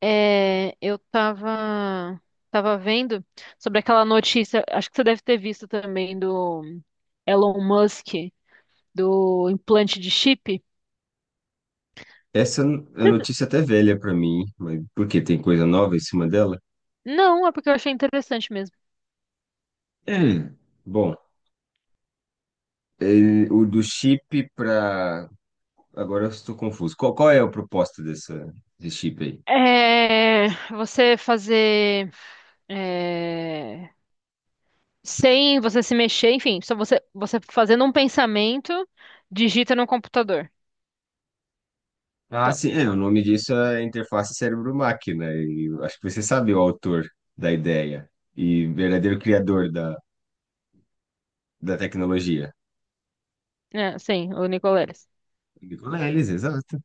É, eu tava vendo sobre aquela notícia, acho que você deve ter visto também do Elon Musk, do implante de chip. Essa é notícia até velha para mim, mas porque tem coisa nova em cima dela? Não, é porque eu achei interessante mesmo. É. Bom, o do chip para. Agora eu estou confuso. Qual é a proposta desse chip aí? É, você fazer, é, sem você se mexer, enfim, só você fazendo um pensamento, digita no computador. Ah, Então, sim, é, o nome disso é interface cérebro-máquina, e eu acho que você sabe o autor da ideia e verdadeiro criador da tecnologia. Sim, o Nicoleles. Nicola Elis, exato.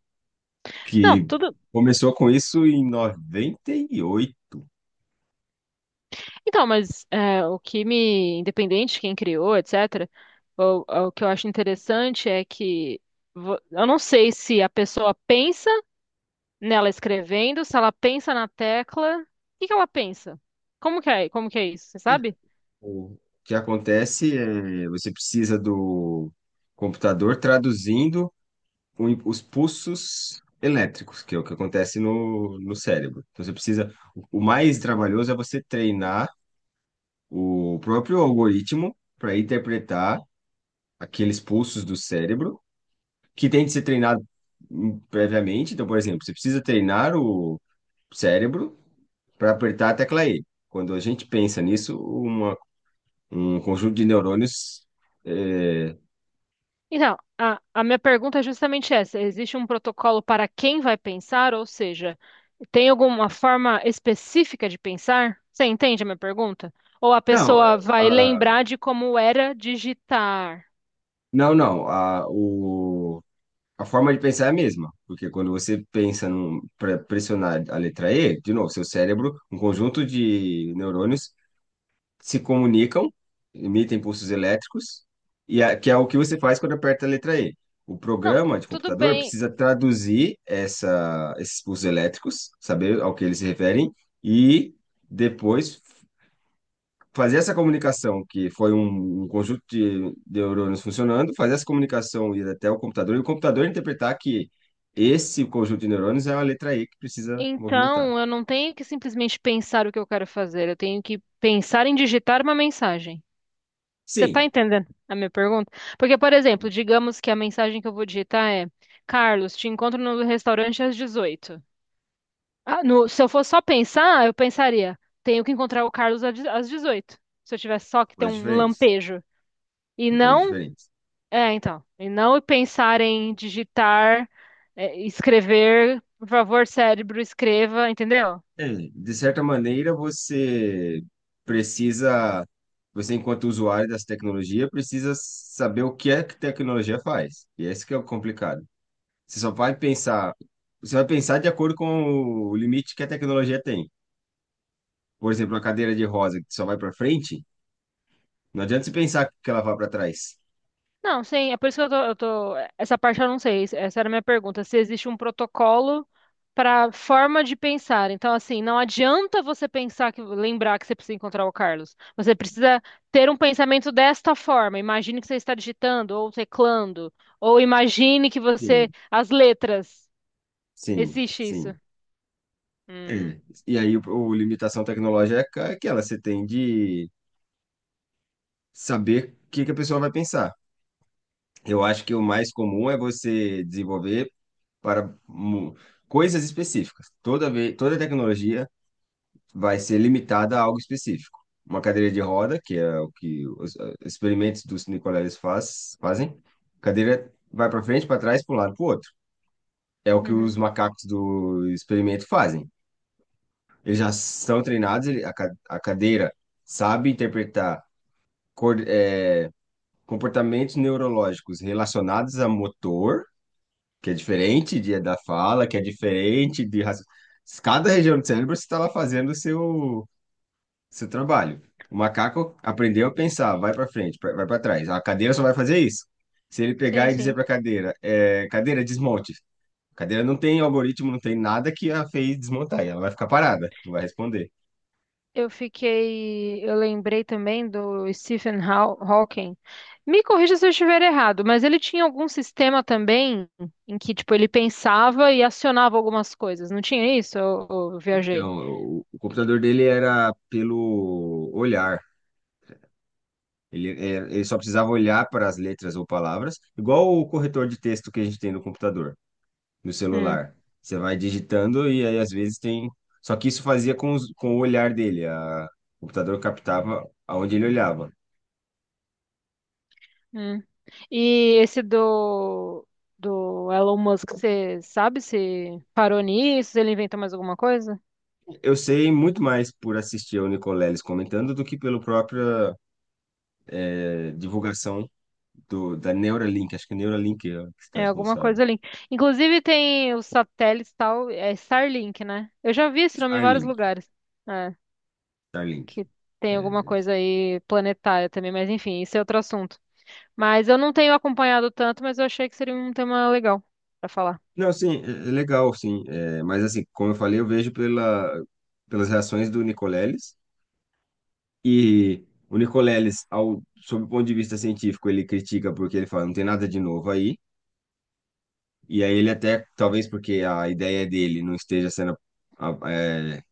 Não, Que tudo. começou com isso em 98. Então, mas independente de quem criou, etc., o que eu acho interessante é que eu não sei se a pessoa pensa nela escrevendo, se ela pensa na tecla, o que que ela pensa? Como que é isso, você sabe? O que acontece é você precisa do computador traduzindo os pulsos elétricos, que é o que acontece no cérebro. Então você precisa, o mais trabalhoso é você treinar o próprio algoritmo para interpretar aqueles pulsos do cérebro, que tem de ser treinado previamente. Então, por exemplo, você precisa treinar o cérebro para apertar a tecla E. Quando a gente pensa nisso, um conjunto de neurônios eh, Então, a minha pergunta é justamente essa: existe um protocolo para quem vai pensar, ou seja, tem alguma forma específica de pensar? Você entende a minha pergunta? Ou a Não, é, pessoa vai ah, lembrar de como era digitar? não, não. A forma de pensar é a mesma, porque quando você pensa para pressionar a letra E, de novo, seu cérebro, um conjunto de neurônios se comunicam, emitem pulsos elétricos, que é o que você faz quando aperta a letra E. O Não, programa de tudo computador bem. precisa traduzir esses pulsos elétricos, saber ao que eles se referem, e depois fazer essa comunicação, que foi um conjunto de neurônios funcionando, fazer essa comunicação ir até o computador e o computador interpretar que esse conjunto de neurônios é uma letra E que precisa movimentar. Então, eu não tenho que simplesmente pensar o que eu quero fazer, eu tenho que pensar em digitar uma mensagem. Você tá Sim, entendendo a minha pergunta? Porque, por exemplo, digamos que a mensagem que eu vou digitar é: Carlos, te encontro no restaurante às 18h. Ah, se eu fosse só pensar, eu pensaria: tenho que encontrar o Carlos às 18h. Se eu tivesse só que ter coisas um diferentes. lampejo. E São coisas não, diferentes. Então, e não pensar em digitar, escrever, por favor, cérebro, escreva, entendeu? É, de certa maneira, você precisa, você enquanto usuário dessa tecnologia, precisa saber o que é que a tecnologia faz. E esse que é o complicado. Você só vai pensar, você vai pensar de acordo com o limite que a tecnologia tem. Por exemplo, uma cadeira de rosa que só vai para frente, não adianta você pensar que ela vai para trás. Não, sim, é por isso que eu tô- essa parte eu não sei. Essa era a minha pergunta. Se existe um protocolo para forma de pensar. Então, assim, não adianta você pensar que lembrar que você precisa encontrar o Carlos. Você precisa ter um pensamento desta forma. Imagine que você está digitando ou teclando, ou imagine que você Sim, as letras. sim, Existe isso. sim. Hum. É. E aí, o limitação tecnológica é aquela, você tem de saber o que que a pessoa vai pensar. Eu acho que o mais comum é você desenvolver para mu- coisas específicas. Toda tecnologia vai ser limitada a algo específico. Uma cadeira de roda, que é o que os experimentos dos Nicoleles fazem, cadeira vai para frente, para trás, para um lado, para o outro. É o que Uhum. os macacos do experimento fazem. Eles já são treinados, a cadeira sabe interpretar cor- é, comportamentos neurológicos relacionados a motor, que é diferente da fala, que é diferente de Cada região do cérebro está lá fazendo o seu trabalho. O macaco aprendeu a pensar, vai para frente, vai para trás. A cadeira só vai fazer isso. Se ele Sim, pegar e dizer sim. para a cadeira, é, cadeira, desmonte. A cadeira não tem algoritmo, não tem nada que a fez desmontar. E ela vai ficar parada, não vai responder. Eu fiquei, eu lembrei também do Stephen Hawking. Me corrija se eu estiver errado, mas ele tinha algum sistema também em que, tipo, ele pensava e acionava algumas coisas. Não tinha isso? Eu viajei. Então, o computador dele era pelo olhar. Ele, é, ele só precisava olhar para as letras ou palavras, igual o corretor de texto que a gente tem no computador, no Hum, celular. Você vai digitando e aí às vezes tem. Só que isso fazia com, com o olhar dele. A, o computador captava aonde ele olhava. hum. E esse do Elon Musk, você sabe se parou nisso? Se ele inventou mais alguma coisa? Eu sei muito mais por assistir ao Nicoleles comentando do que pela própria divulgação da Neuralink, acho que é Neuralink é que está É alguma responsável. coisa ali. Inclusive tem os satélites tal, é Starlink, né? Eu já vi esse nome em vários Starlink, lugares. É. Starlink. Que tem É, alguma coisa aí planetária também, mas enfim, isso é outro assunto. Mas eu não tenho acompanhado tanto, mas eu achei que seria um tema legal pra falar. não, sim, é legal, sim. É, mas assim, como eu falei, eu vejo pela, pelas reações do Nicoleles. E o Nicoleles, ao, sob o ponto de vista científico, ele critica porque ele fala, não tem nada de novo aí. E aí ele até, talvez porque a ideia dele não esteja sendo a- é,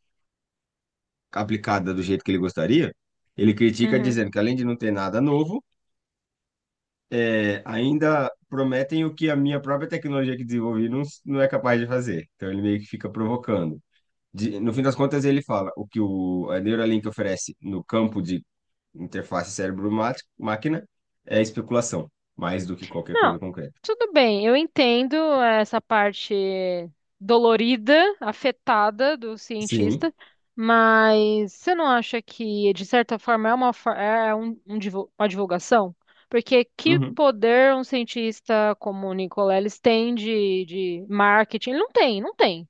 aplicada do jeito que ele gostaria, ele critica Uhum. dizendo que além de não ter nada novo, é, ainda prometem o que a minha própria tecnologia que desenvolvi não é capaz de fazer. Então ele meio que fica provocando. No fim das contas, ele fala o que a Neuralink oferece no campo de interface cérebro-máquina é especulação, mais do que qualquer coisa Não, concreta. tudo bem, eu entendo essa parte dolorida, afetada do Sim. cientista, mas você não acha que, de certa forma, é uma, for- é é um, um divu- uma divulgação? Porque que Uhum. poder um cientista como o Nicoleles tem de marketing? Ele não tem, não tem.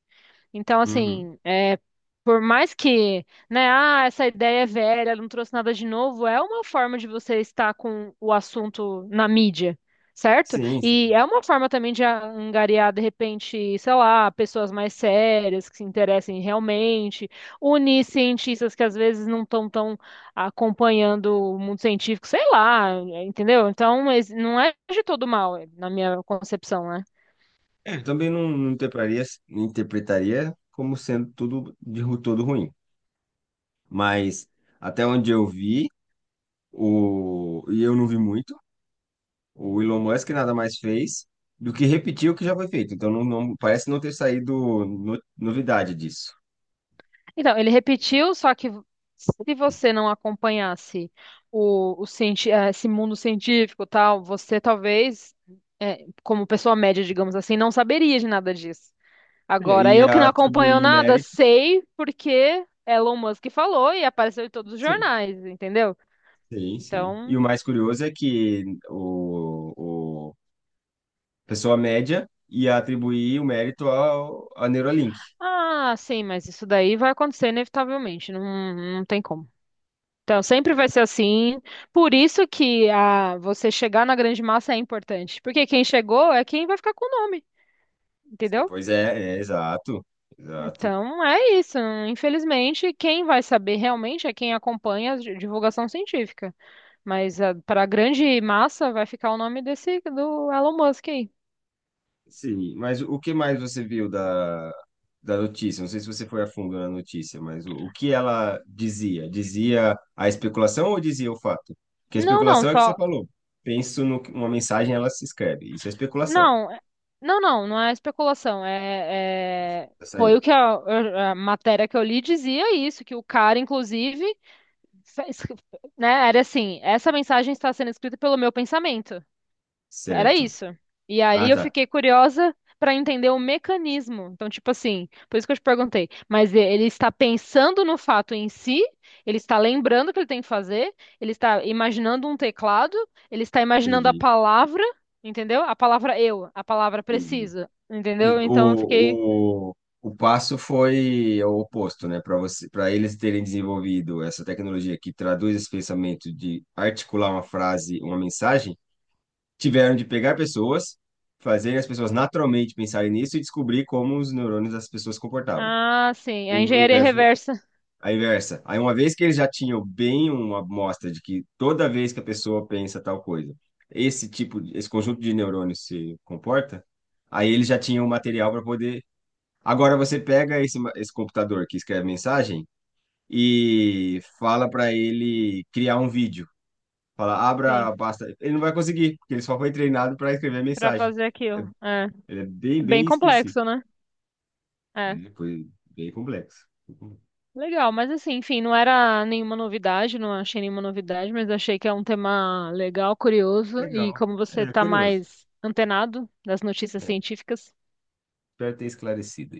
Então, Uhum. assim, por mais que, né, ah, essa ideia é velha, ela não trouxe nada de novo, é uma forma de você estar com o assunto na mídia, certo? Sim, sim. E é uma forma também de angariar, de repente, sei lá, pessoas mais sérias que se interessem realmente, unir cientistas que às vezes não estão tão acompanhando o mundo científico, sei lá, entendeu? Então, mas não é de todo mal, na minha concepção, né? É, eu também não interpretaria como sendo todo ruim. Mas até onde eu vi, o, e eu não vi muito, o Elon Musk nada mais fez do que repetir o que já foi feito. Então, parece não ter saído novidade disso. Então, ele repetiu, só que se você não acompanhasse esse mundo científico, e tal, você talvez, como pessoa média, digamos assim, não saberia de nada disso. É, Agora, e eu que não acompanho atribuir o nada, mérito. sei porque Elon Musk falou e apareceu em todos os Sim. jornais, entendeu? Sim, sim. E Então, o mais curioso é que o a pessoa média ia atribuir o mérito a Neuralink. ah, sim, mas isso daí vai acontecer inevitavelmente, não, não tem como. Então, sempre Né? vai ser assim. Por isso que você chegar na grande massa é importante. Porque quem chegou é quem vai ficar com o nome, entendeu? Pois é, é exato, exato. Então, é isso. Infelizmente, quem vai saber realmente é quem acompanha a divulgação científica. Mas para a grande massa vai ficar o nome desse do Elon Musk aí. Sim, mas o que mais você viu da notícia? Não sei se você foi a fundo na notícia, mas o que ela dizia? Dizia a especulação ou dizia o fato? Porque a Não, não, especulação é que você só. falou. Penso numa mensagem, ela se escreve. Isso é especulação. Não, não, não, não é especulação. Já Foi o saiu. que a matéria que eu li dizia isso, que o cara, inclusive. Sa- es- Né? Era assim, essa mensagem está sendo escrita pelo meu pensamento. Era Certo. isso. E aí Ah, eu tá. fiquei curiosa para entender o mecanismo. Então, tipo assim, por isso que eu te perguntei. Mas ele está pensando no fato em si, ele está lembrando o que ele tem que fazer, ele está imaginando um teclado, ele está imaginando a Entendi. palavra, entendeu? A palavra eu, a palavra Entendi. preciso, É. entendeu? Então eu fiquei, o passo foi o oposto, né? Para eles terem desenvolvido essa tecnologia que traduz esse pensamento de articular uma frase, uma mensagem tiveram de pegar pessoas, fazer as pessoas naturalmente pensarem nisso e descobrir como os neurônios das pessoas se comportavam. ah, sim, a O engenharia inverso, reversa, a inversa. Aí, uma vez que eles já tinham bem uma amostra de que toda vez que a pessoa pensa tal coisa, esse conjunto de neurônios se comporta, aí eles já tinham o material para poder. Agora você pega esse computador que escreve mensagem e fala para ele criar um vídeo. Fala, sim, abra, basta. Ele não vai conseguir, porque ele só foi treinado para escrever para mensagem. fazer aquilo. É Ele é bem, bem bem específico. complexo, né? É. É, foi bem complexo. Legal, mas assim, enfim, não era nenhuma novidade, não achei nenhuma novidade, mas achei que é um tema legal, curioso, e Legal. como você É está curioso. mais antenado das notícias É, científicas, espero ter esclarecido.